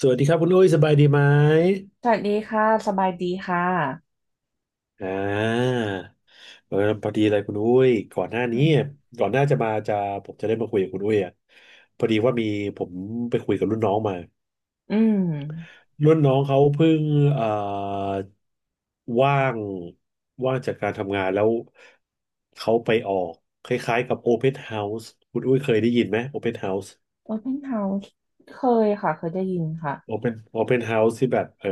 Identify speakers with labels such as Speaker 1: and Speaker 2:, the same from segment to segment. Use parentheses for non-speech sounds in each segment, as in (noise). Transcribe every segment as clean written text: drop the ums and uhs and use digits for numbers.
Speaker 1: สวัสดีครับคุณอุ้ยสบายดีไหม
Speaker 2: สวัสดีค่ะ สบายดีค่ะ
Speaker 1: อ่าพอดีเลยคุณอุ้ยก่อนหน้านี้ก่อนหน้าจะมาจะผมจะได้มาคุยกับคุณอุ้ยอ่ะพอดีว่ามีผมไปคุยกับรุ่นน้องมา
Speaker 2: อืม
Speaker 1: รุ่นน้องเขาเพิ่งเอ่อว่างจากการทำงานแล้วเขาไปออกคล้ายๆกับ Open House คุณอุ้ยเคยได้ยินไหม Open House
Speaker 2: Open House เคยค่ะ เคยได้ยินค่ะ
Speaker 1: โอเ n นเฮาส์ที่แบบ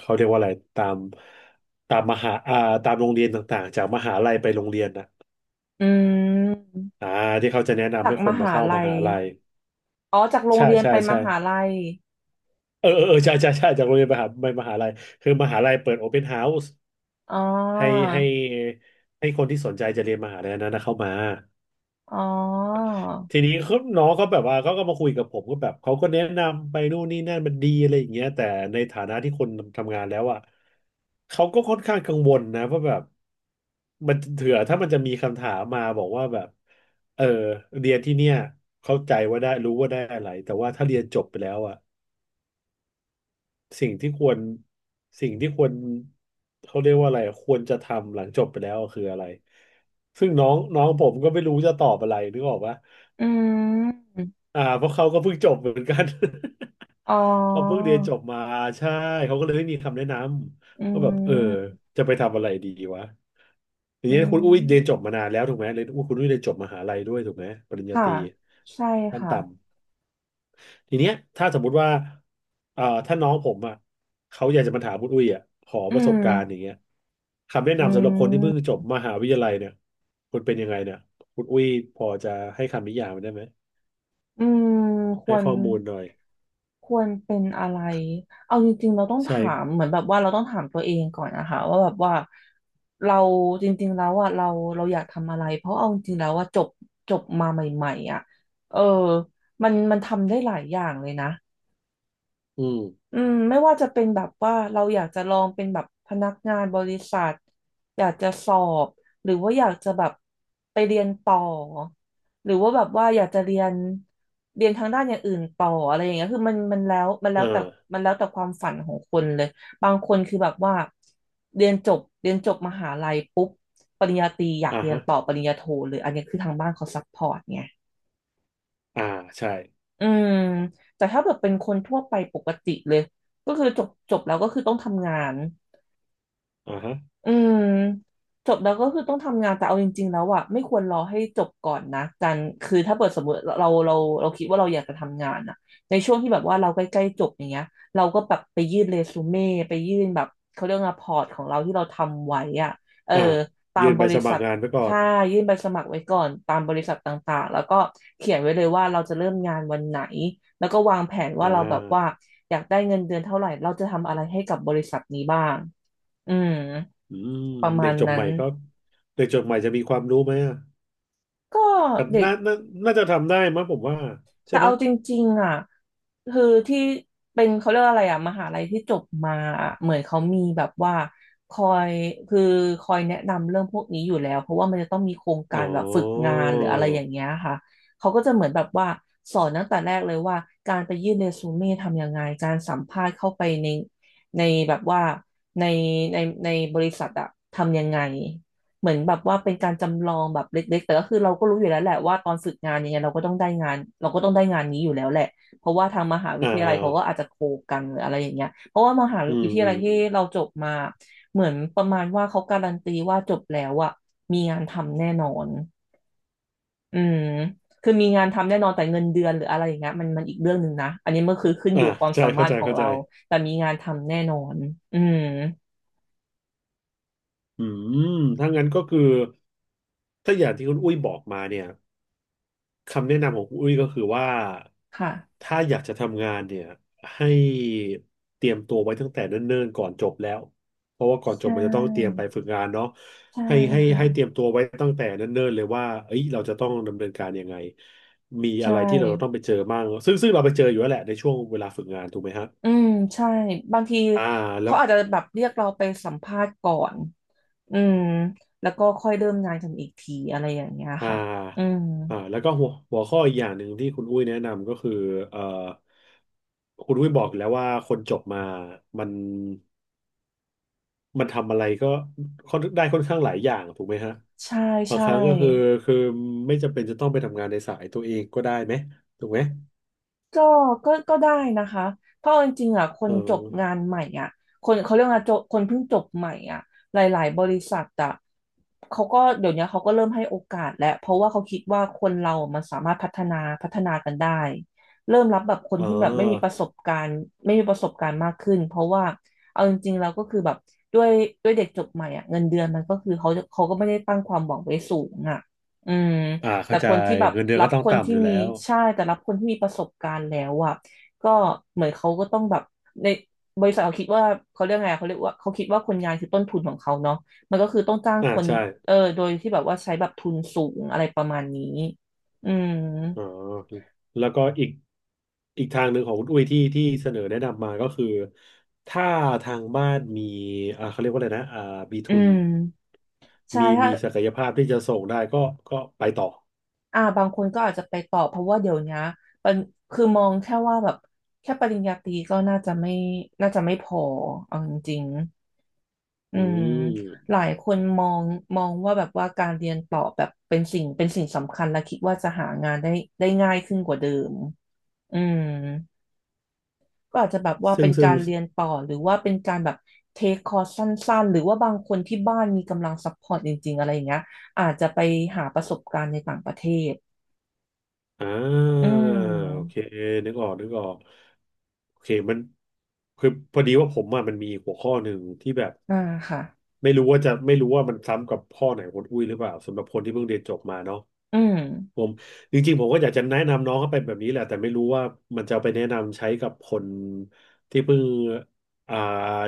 Speaker 1: เขาเรียกว่าอะไรตามตามมหาตามโรงเรียนต่างๆจากมหาลัยไปโรงเรียนนะ
Speaker 2: อืม
Speaker 1: อ่าที่เขาจะแนะนำ
Speaker 2: จา
Speaker 1: ให้
Speaker 2: ก
Speaker 1: ค
Speaker 2: ม
Speaker 1: นมา
Speaker 2: หา
Speaker 1: เข้าม
Speaker 2: ลัย
Speaker 1: หาลัย
Speaker 2: อ๋อ จากโรง
Speaker 1: ใช่
Speaker 2: เรียน
Speaker 1: ใช่
Speaker 2: ไปม
Speaker 1: ใช่
Speaker 2: หาลัย
Speaker 1: ใช่ใช่ใช่จากโรงเรียนมหาไปมหาลัยคือมหาลัยเปิดโอเ n นเฮาส์
Speaker 2: อ๋อ
Speaker 1: ให้ให้ให้คนที่สนใจจะเรียนมหาลัยนั้นนะเข้ามา
Speaker 2: อ๋อ
Speaker 1: ทีนี้เขาน้องเขาแบบว่าเขาก็มาคุยกับผมก็แบบเขาก็แนะนำไปนู่นนี่นั่นมันดีอะไรอย่างเงี้ยแต่ในฐานะที่คนทำงานแล้วอ่ะเขาก็ค่อนข้างกังวลนะว่าแบบมันเถื่อถ้ามันจะมีคำถามมาบอกว่าแบบเออเรียนที่เนี่ยเข้าใจว่าได้รู้ว่าได้อะไรแต่ว่าถ้าเรียนจบไปแล้วอ่ะสิ่งที่ควรสิ่งที่ควรเขาเรียกว่าอะไรควรจะทำหลังจบไปแล้วคืออะไรซึ่งน้องน้องผมก็ไม่รู้จะตอบอะไรนึกออกปะ
Speaker 2: อืม
Speaker 1: อ่าเพราะเขาก็เพิ่งจบเหมือนกัน
Speaker 2: อ๋อ
Speaker 1: (laughs) เขาเพิ่งเรียนจบมาใช่เขาก็เลยไม่มีคำแนะน
Speaker 2: อื
Speaker 1: ำว่าแบบ
Speaker 2: ม
Speaker 1: จะไปทำอะไรดีวะที
Speaker 2: อื
Speaker 1: นี้คุณอุ้ยเรียนจ
Speaker 2: ม
Speaker 1: บมานานแล้วถูกไหมเรียนอุ้ยคุณอุ้ยเรียนจบมหาลัยด้วยถูกไหมปริญญาต
Speaker 2: ค่ะ
Speaker 1: รี
Speaker 2: ใช่
Speaker 1: ขั้น
Speaker 2: ค่ะ
Speaker 1: ต่ำทีเนี้ยถ้าสมมุติว่าถ้าน้องผมอ่ะเขาอยากจะมาถามคุณอุ้ยอ่ะขอ
Speaker 2: อื
Speaker 1: ประสบ
Speaker 2: ม
Speaker 1: การณ์อย่างเงี้ยคำแนะ
Speaker 2: อื
Speaker 1: นำสำหรับคนที่เพิ่ง
Speaker 2: ม
Speaker 1: จบมหาวิทยาลัยเนี่ยคุณเป็นยังไงเนี่ยคุณอุ้ยพอจะให้คำนิยามมันได้ไหม
Speaker 2: อืมค
Speaker 1: ให้
Speaker 2: วร
Speaker 1: ข้อมูลหน่อย
Speaker 2: เป็นอะไรเอาจริงๆเราต้อง
Speaker 1: ใช่
Speaker 2: ถามเหมือนแบบว่าเราต้องถามตัวเองก่อนนะคะว่าแบบว่าเราจริงๆแล้วอ่ะเราอยากทำอะไรเพราะเอาจริงๆแล้วว่าจบจบมาใหม่ๆอ่ะเออมันทำได้หลายอย่างเลยนะ
Speaker 1: อืม
Speaker 2: อืมไม่ว่าจะเป็นแบบว่าเราอยากจะลองเป็นแบบพนักงานบริษัทอยากจะสอบหรือว่าอยากจะแบบไปเรียนต่อหรือว่าแบบว่าอยากจะเรียนทางด้านอย่างอื่นต่ออะไรอย่างเงี้ยคือมันมันแล้วแต่
Speaker 1: อ่า
Speaker 2: ความฝันของคนเลยบางคนคือแบบว่าเรียนจบมหาลัยปุ๊บปริญญาตรีอยาก
Speaker 1: อ่า
Speaker 2: เรียน
Speaker 1: ฮะ
Speaker 2: ต่อปริญญาโทเลยอันนี้คือทางบ้านเขาซัพพอร์ตไง
Speaker 1: อ่าใช่
Speaker 2: อืมแต่ถ้าแบบเป็นคนทั่วไปปกติเลยก็คือจบแล้วก็คือต้องทำงาน
Speaker 1: อ่าฮะ
Speaker 2: อืมจบแล้วก็คือต้องทำงานแต่เอาจริงๆแล้วอ่ะไม่ควรรอให้จบก่อนนะการคือถ้าเปิดสมมติเราคิดว่าเราอยากจะทำงานอ่ะในช่วงที่แบบว่าเราใกล้ๆจบอย่างเงี้ยเราก็แบบไปยื่นเรซูเม่ไปยื่นแบบเขาเรียกว่าพอร์ตของเราที่เราทำไว้อ่ะเออ
Speaker 1: อ่า
Speaker 2: ตา
Speaker 1: ยื่
Speaker 2: ม
Speaker 1: น
Speaker 2: บ
Speaker 1: ใบ
Speaker 2: ริ
Speaker 1: สมั
Speaker 2: ษั
Speaker 1: คร
Speaker 2: ท
Speaker 1: งานไว้ก่อ
Speaker 2: ใช่
Speaker 1: น
Speaker 2: ยื่นใบสมัครไว้ก่อนตามบริษัทต่างๆแล้วก็เขียนไว้เลยว่าเราจะเริ่มงานวันไหนแล้วก็วางแผน
Speaker 1: อ่
Speaker 2: ว่าเราแบบว่า
Speaker 1: า
Speaker 2: อยากได้เงินเดือนเท่าไหร่เราจะทำอะไรให้กับบริษัทนี้บ้าง อืม
Speaker 1: อืม
Speaker 2: ประ
Speaker 1: เด็
Speaker 2: มา
Speaker 1: ก
Speaker 2: ณ
Speaker 1: จบให
Speaker 2: นั้น
Speaker 1: ม่ก็เด็กจบใหม่จะมีความรู้ไหมอ่ะ
Speaker 2: ก็เด็ก
Speaker 1: น่าน่าจะทำได้มั้งผมว่าใช่
Speaker 2: แต่
Speaker 1: ไหม
Speaker 2: เอาจริงๆอ่ะคือที่เป็นเขาเรียกว่าอะไรอ่ะมหาลัยที่จบมาอะเหมือนเขามีแบบว่าคอยคือคอยแนะนำเรื่องพวกนี้อยู่แล้วเพราะว่ามันจะต้องมีโครงกา
Speaker 1: อ๋
Speaker 2: ร
Speaker 1: อ
Speaker 2: แบบฝึกงานหรืออะไรอย่างเงี้ยค่ะเขาก็จะเหมือนแบบว่าสอนตั้งแต่แรกเลยว่าการไปยื่นเรซูเม่ทำยังไงการสัมภาษณ์เข้าไปในในแบบว่าในในในบริษัทอะทำยังไง เหมือนแบบว่าเป็นการจำลองแบบเล็กๆแต่ก็คือเราก็รู้อยู่แล้วแหละว่าตอนฝึกงานยังไงเราก็ต้องได้งานเราก็ต้องได้งานนี้อยู่แล้วแหละเพราะว่าทางมหาวิ
Speaker 1: อ่า
Speaker 2: ทยา
Speaker 1: อ่า
Speaker 2: ลัยเขาก็อาจจะโคกันหรืออะไรอย่างเงี้ยเพราะว่ามหาวิทยาลัยที่
Speaker 1: อืม
Speaker 2: เราจบมาเหมือนประมาณว่าเขาการันตีว่าจบแล้วอะมีงานทำแน่นอนอืมคือมีงานทำแน่นอนแต่เงินเดือนหรืออะไรอย่างเงี้ยมันอีกเรื่องหนึ่งนะอันนี้มันคือขึ้นอ
Speaker 1: อ่า
Speaker 2: ยู่ความ
Speaker 1: ใช่
Speaker 2: สามา
Speaker 1: เข้า
Speaker 2: รถ
Speaker 1: ใจ
Speaker 2: ของ
Speaker 1: เข้าใจ
Speaker 2: เราแต่มีงานทำแน่นอนอืม
Speaker 1: อืมถ้างั้นก็คือถ้าอย่างที่คุณอุ้ยบอกมาเนี่ย คำแนะนำของคุณอุ้ยก็คือว่า
Speaker 2: ค่ะ
Speaker 1: ถ้าอยากจะทำงานเนี่ยให้เตรียมตัวไว้ตั้งแต่เนิ่นๆก่อนจบแล้วเพราะว่าก่อน
Speaker 2: ใช
Speaker 1: จบมันจะต้องเตรียมไป
Speaker 2: ่
Speaker 1: ฝึกงานเนาะ
Speaker 2: ใช่
Speaker 1: ให้เตรีย
Speaker 2: ค่ะ
Speaker 1: มตัวไว้ตั้งแต่เนิ่นๆเลยว่าเอ้ยเราจะต้องดำเนินการยังไงมีอะ
Speaker 2: ใช่
Speaker 1: ไรที่เราต้องไปเจอบ้างซึ่งเราไปเจออยู่แล้วแหละในช่วงเวลาฝึกงานถูกไหมฮะ
Speaker 2: อืมใช่บางที
Speaker 1: อ่าแล้
Speaker 2: เขา
Speaker 1: ว
Speaker 2: อาจจะแบบเรียกเราไปสัมภาษณ์ก่อนอืมแล้วก็ค่อยเริ่มงานกันอีกทีอะไรอย่างเงี้ย
Speaker 1: อ่า
Speaker 2: ค่ะอืม
Speaker 1: อ่าแล้วก็หัวข้ออีกอย่างหนึ่งที่คุณอุ้ยแนะนำก็คือเอ่อคุณอุ้ยบอกแล้วว่าคนจบมามัน มันทำอะไรก็ค่อนข้างหลายอย่างถูกไหมฮะ
Speaker 2: ใช่
Speaker 1: บาง
Speaker 2: ใช่
Speaker 1: ครั้งก็คือคือไม่จำเป็นจะต้องไปทำงานในสายตัวเองก็ได้ไหมถูกไหม
Speaker 2: ก็ก็ก็ได้นะคะเพราะเอาจริงๆอ่ะค
Speaker 1: เอ
Speaker 2: น
Speaker 1: อ
Speaker 2: จบงานใหม่อ่ะคนเขาเรียกว่าจบคนเพิ่งจบใหม่อ่ะหลายๆบริษัทอ่ะเขาก็เดี๋ยวนี้เขาก็เริ่มให้โอกาสแล้วเพราะว่าเขาคิดว่าคนเรามันสามารถพัฒนากันได้ เริ่มรับแบบคน
Speaker 1: อ๋อ
Speaker 2: ที่แบบไม่มีประสบการณ์ไม่มีประสบการณ์มากขึ้นเพราะว่าเอาจริงๆเราก็คือแบบด้วยด้วยเด็กจบใหม่อ่ะเงินเดือนมันก็คือเขาก็ไม่ได้ตั้งความหวังไว้สูงอ่ะอืม
Speaker 1: อ่า
Speaker 2: แต่
Speaker 1: เข้าใจ
Speaker 2: คนที่แบบ
Speaker 1: เงินเดือน
Speaker 2: รั
Speaker 1: ก็
Speaker 2: บ
Speaker 1: ต้อง
Speaker 2: คน
Speaker 1: ต่ำอ
Speaker 2: ที่
Speaker 1: ยู่แล้
Speaker 2: มี
Speaker 1: ว
Speaker 2: ใช่แต่รับคนที่มีประสบการณ์แล้วอ่ะก็เหมือนเขาก็ต้องแบบในบริษัทเขาคิดว่าเขาเรียกว่าเขาคิดว่าคนงานคือต้นทุนของเขาเนาะมันก็คือต้องจ้าง
Speaker 1: อ่า
Speaker 2: คน
Speaker 1: ใช่
Speaker 2: โดยที่แบบว่าใช้แบบทุนสูงอะไรประมาณนี้อืม
Speaker 1: อ๋อแล้วก็อีกอีกทางหนึ่งของคุณอุ้ยที่ที่เสนอแนะนำมาก็คือถ้าทางบ้านมีเขาเรียกว่าอะไรนะมี
Speaker 2: อื
Speaker 1: ทุน
Speaker 2: มใช่
Speaker 1: มี
Speaker 2: ถ้า
Speaker 1: มีศักยภาพที่จะส่งได้ก็ไปต่อ
Speaker 2: บางคนก็อาจจะไปต่อเพราะว่าเดี๋ยวนี้มันคือมองแค่ว่าแบบแค่ปริญญาตรีก็น่าจะไม่พอเอาจริง อื
Speaker 1: อื
Speaker 2: มห
Speaker 1: ม
Speaker 2: ลายคนมองว่าแบบว่าการเรียนต่อแบบเป็นสิ่งสำคัญและคิดว่าจะหางานได้ง่ายขึ้นกว่าเดิมอืมก็อาจจะแบบว่า
Speaker 1: ซึ่
Speaker 2: เป็
Speaker 1: ง
Speaker 2: น
Speaker 1: ซึ่
Speaker 2: กา
Speaker 1: ง
Speaker 2: รเรียนต่อหรือว่าเป็นการแบบเทคคอร์สสั้นๆหรือว่าบางคนที่บ้านมีกำลังซัพพอร์ตจริงๆ อะไรอย่างเงี้ยอาจจะไปหาประสบการณ์ในต่างประเทศ
Speaker 1: อ่
Speaker 2: อื
Speaker 1: าโอเค
Speaker 2: ม
Speaker 1: นึกออกนึกออกโอเคมันคือพอดีว่าผมอ่ะมันมีหัวข้อหนึ่งที่แบบ
Speaker 2: อ่าค่ะ
Speaker 1: ไม่รู้ว่ามันซ้ำกับข้อไหนของคุณอุ้ยหรือเปล่าสำหรับคนที่เพิ่งเรียนจบมาเนาะ
Speaker 2: อืม
Speaker 1: ผมจริงๆผมก็อยากจะแนะนำน้องเขาไปแบบนี้แหละแต่ไม่รู้ว่ามันจะเอาไปแนะนำใช้กับคนที่เพิ่งอ่า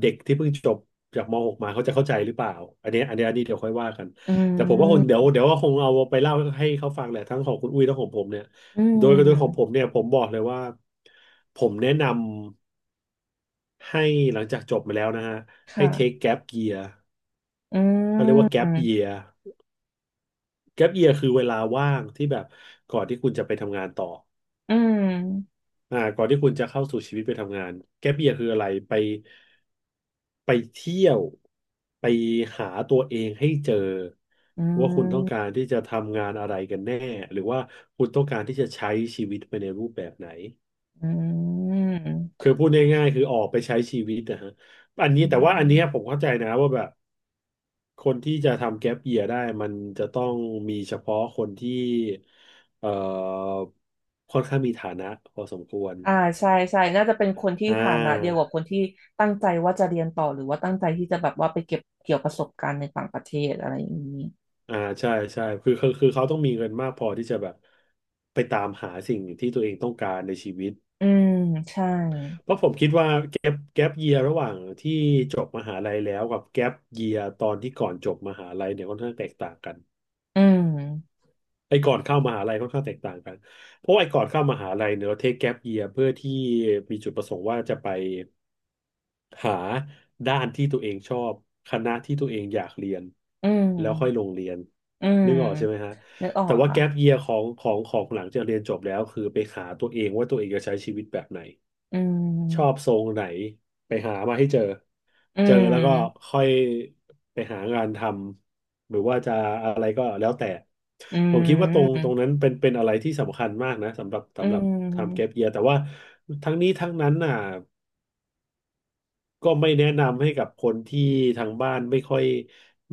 Speaker 1: เด็กที่เพิ่งจบจากมหกมาเขาจะเข้าใจหรือเปล่าอันนี้เดี๋ยวค่อยว่ากัน
Speaker 2: อื
Speaker 1: แต่ผมว่าคง
Speaker 2: ม
Speaker 1: เดี๋ยวก็คงเอาไปเล่าให้เขาฟังแหละทั้งของคุณอุ้ยทั้งของผมเนี่ย
Speaker 2: อื
Speaker 1: โดยของผม
Speaker 2: ม
Speaker 1: เนี่ยผมบอกเลยว่าผมแนะนำให้หลังจากจบมาแล้วนะฮะให้เทค
Speaker 2: ค่ะ
Speaker 1: แก a ปเยียร์
Speaker 2: อื
Speaker 1: เขาเรียกว่าแก a ปเยี
Speaker 2: ม
Speaker 1: ยร์แก a ปเยียร์คือเวลาว่างที่แบบก่อนที่คุณจะไปทำงานต่อ
Speaker 2: อืม
Speaker 1: อ่าก่อนที่คุณจะเข้าสู่ชีวิตไปทำงานแก๊ปเยียคืออะไรไปไปเที่ยวไปหาตัวเองให้เจอ
Speaker 2: อื
Speaker 1: ว่าคุณต้อง
Speaker 2: ม
Speaker 1: การที่จะทำงานอะไรกันแน่หรือว่าคุณต้องการที่จะใช้ชีวิตไปในรูปแบบไหน
Speaker 2: อื
Speaker 1: คือ
Speaker 2: ม
Speaker 1: พูดง่ายๆคือออกไปใช้ชีวิตนะฮะอันนี้
Speaker 2: อื
Speaker 1: แต่ว่าอันเนี้ยผม
Speaker 2: ม
Speaker 1: เข้าใจนะว่าแบบคนที่จะทำแก๊ปเยียได้มันจะต้องมีเฉพาะคนที่เอ่อค่อนข้างมีฐานะพอสมควร
Speaker 2: อ่าใช่ใช่น่าจะเป็นคนที่
Speaker 1: อ่า
Speaker 2: ฐานะเดียวกับคนที่ตั้งใจว่าจะเรียนต่อหรือว่าตั้งใจที่จะแบบว่าไปเก็บเกี่ยวประสบการณ์ในต่างประเทศอะไรอย่างนี้
Speaker 1: อ่าใช่ใช่คือคือเขาต้องมีเงินมากพอที่จะแบบไปตามหาสิ่งที่ตัวเองต้องการในชีวิต
Speaker 2: อืมใช่
Speaker 1: เพราะผมคิดว่าแก๊ปเยียระหว่างที่จบมหาลัยแล้วกับแก๊ปเยียตอนที่ก่อนจบมหาลัยเนี่ยค่อนข้างแตกต่างกัน
Speaker 2: อืม
Speaker 1: ไอ้ก่อนเข้ามหาลัยค่อนข้างแตกต่างกันเพราะว่าไอ้ก่อนเข้ามหาลัยเนี่ยเราเทคแก๊ปเยียเพื่อที่มีจุดประสงค์ว่าจะไป หาด้านที่ตัวเองชอบคณะที่ตัวเองอยากเรียน
Speaker 2: อืม
Speaker 1: แล้วค่อยลงเรียน
Speaker 2: อืม
Speaker 1: นึกออกใช่ไหมฮะ
Speaker 2: นึกออ
Speaker 1: แต่
Speaker 2: ก
Speaker 1: ว่า
Speaker 2: ค่ะ
Speaker 1: แก๊ปเยียของหลังจากเรียนจบแล้วคือไปหาตัวเองว่าตัวเองจะใช้ชีวิตแบบไหน
Speaker 2: อื
Speaker 1: ชอบ
Speaker 2: ม
Speaker 1: ทรงไหนไปหามาให้เจอ
Speaker 2: อื
Speaker 1: เจอแล้วก็
Speaker 2: ม
Speaker 1: ค่อยไปหางานทำหรือว่าจะอะไรก็แล้วแต่
Speaker 2: อื
Speaker 1: ผมคิดว่าตรงต
Speaker 2: ม
Speaker 1: รงนั้นเป็นอะไรที่สำคัญมากนะสำหรับ
Speaker 2: อื
Speaker 1: สำหรับทำแก๊ป
Speaker 2: ม
Speaker 1: เยียแต่ว่าทั้งนี้ทั้งนั้นน่ะ ก็ไม่แนะนำให้กับคนที่ทางบ้านไม่ค่อย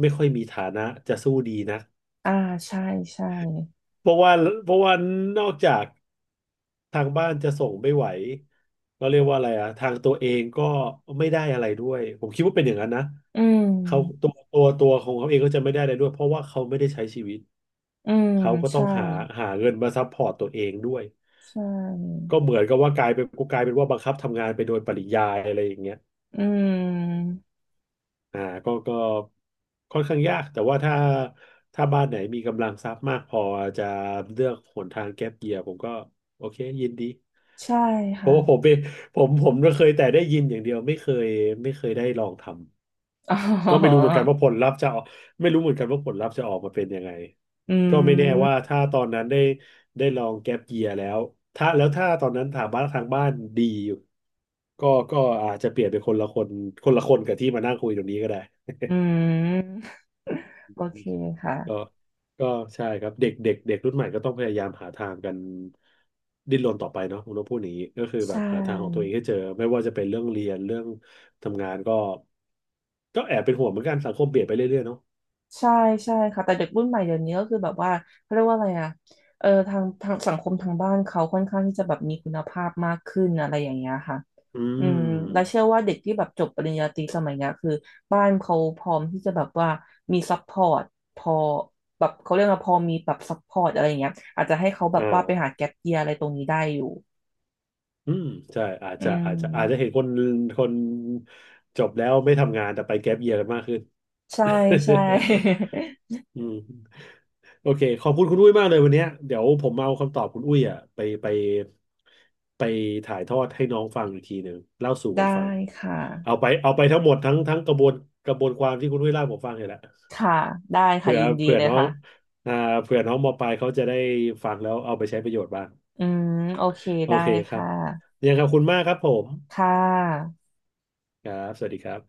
Speaker 1: ไม่ค่อยมีฐานะจะสู้ดีนะ
Speaker 2: อ่าใช่ใช่
Speaker 1: เพราะว่าเพราะว่านอกจากทางบ้านจะส่งไม่ไหวเราเรียกว่าอะไรอะทางตัวเองก็ไม่ได้อะไรด้วยผมคิดว่าเป็นอย่างนั้นนะ
Speaker 2: อืม
Speaker 1: เขาตัวของเขาเองก็จะไม่ได้อะไรด้วยเพราะว่าเขาไม่ได้ใช้ชีวิต
Speaker 2: อืม
Speaker 1: เขาก็ต้อง
Speaker 2: ใช่
Speaker 1: หาหาเงินมาซัพพอร์ตตัวเองด้วย
Speaker 2: ใช่
Speaker 1: ก็เหมือนกับว่ากลายเป็นว่าบังคับทำงานไปโดยปริยายอะไรอย่างเงี้ย
Speaker 2: อืม
Speaker 1: อ่าก็ค่อนข้างยากแต่ว่าถ้าบ้านไหนมีกำลังทรัพย์มากพอจะเลือกหนทางแก๊ปเยียผมก็โอเคยินดี
Speaker 2: ใช่
Speaker 1: เพ
Speaker 2: ค่ะ
Speaker 1: ราะว่าผมเป็นผมก็เคยแต่ได้ยินอย่างเดียวไม่เคยไม่เคยได้ลองท
Speaker 2: อ๋
Speaker 1: ำก็ไม่
Speaker 2: อ
Speaker 1: รู้เหมือนกันว่าผลลัพธ์จะออกไม่รู้เหมือนกันว่าผลลัพธ์จะออกมาเป็นยังไง
Speaker 2: อื
Speaker 1: ก็ไม่แน่ว่า
Speaker 2: ม
Speaker 1: ถ้าตอนนั้นได้ได้ลองแก๊ปเยียแล้วแล้วถ้าตอนนั้นถามบ้านทางบ้านดีอยู่ก็อาจจะเปลี่ยนเป็นคนละคนคนละคนกับที่มานั่งคุยตรงนี้ก็ได้
Speaker 2: อืมโอเคค่ะ
Speaker 1: (laughs) ก็ก็ใช่ครับเด็กเด็กเด็กรุ่นใหม่ก็ต้องพยายามหาทางกันดิ้นรนต่อไปเนาะผมต้องพูดอย่างนี้ก็คือ
Speaker 2: ใช
Speaker 1: แบบหาทางของตัวเอ
Speaker 2: ่
Speaker 1: งให้เจอไม่ว่าจะเป็นเรื่องเรียนเรื่องทำงานก็แอบเป็นห่วงเหมือนกันสังคมเปลี่ยนไปเรื่อยๆเนาะ
Speaker 2: ใช่ใช่ค่ะแต่เด็กรุ่นใหม่เดี๋ยวนี้ก็คือแบบว่า เขาเรียกว่าอะไรอ่ะทางสังคมทางบ้านเขาค่อนข้างที่จะแบบมีคุณภาพมากขึ้นอะไรอย่างเงี้ยค่ะ
Speaker 1: อื
Speaker 2: อืมและเชื่อ
Speaker 1: ม
Speaker 2: ว่าเด็กที่แบบจบปริญญาตรีสมัยเนี้ยคือบ้านเขาพร้อมที่จะแบบว่ามีซัพพอร์ตพอแบบเขาเรียกว่าพอมีแบบซัพพอร์ตอะไรอย่างเงี้ยอาจจะให้เขาแบ
Speaker 1: อ่
Speaker 2: บว่าไปหา
Speaker 1: า
Speaker 2: แก็ปเยียอะไรตรงนี้ได้อยู่
Speaker 1: อืมใช่
Speaker 2: อื
Speaker 1: อาจจะเห็
Speaker 2: ม
Speaker 1: นคนคนจบแล้วไม่ทำงานแต่ไปแก๊ปเยียร์กันมากขึ้น
Speaker 2: ใช่ใช่
Speaker 1: อืมโอเคขอบคุณคุณอุ้ยมากเลยวันเนี้ยเดี๋ยวผมเอาคำตอบคุณอุ้ยอ่ะไปไปไปถ่ายทอดให้น้องฟังอีกทีหนึ่งเล่าสู่
Speaker 2: (laughs)
Speaker 1: กั
Speaker 2: ได้
Speaker 1: นฟัง
Speaker 2: ค
Speaker 1: เอา
Speaker 2: ่ะ
Speaker 1: ไปเอาไปทั้งหมดทั้งกระบวนกระบวนความที่คุณอุ้ยเล่าผมฟังเลยแหละ
Speaker 2: ค่ะได้ค่ะ
Speaker 1: เผื่อ
Speaker 2: ยินดี
Speaker 1: เผื่อ
Speaker 2: เลย
Speaker 1: น้อง
Speaker 2: ค่ะ
Speaker 1: อ่าเผื่อน้องมปลายเขาจะได้ฟังแล้วเอาไปใช้ประโยชน์บ้าง
Speaker 2: อืมโอเค
Speaker 1: โอ
Speaker 2: ได้
Speaker 1: เคครับ
Speaker 2: ค่ะ
Speaker 1: ยังไงขอบคุณมากครับผม
Speaker 2: ค่ะ
Speaker 1: ครับสวัสดีครับ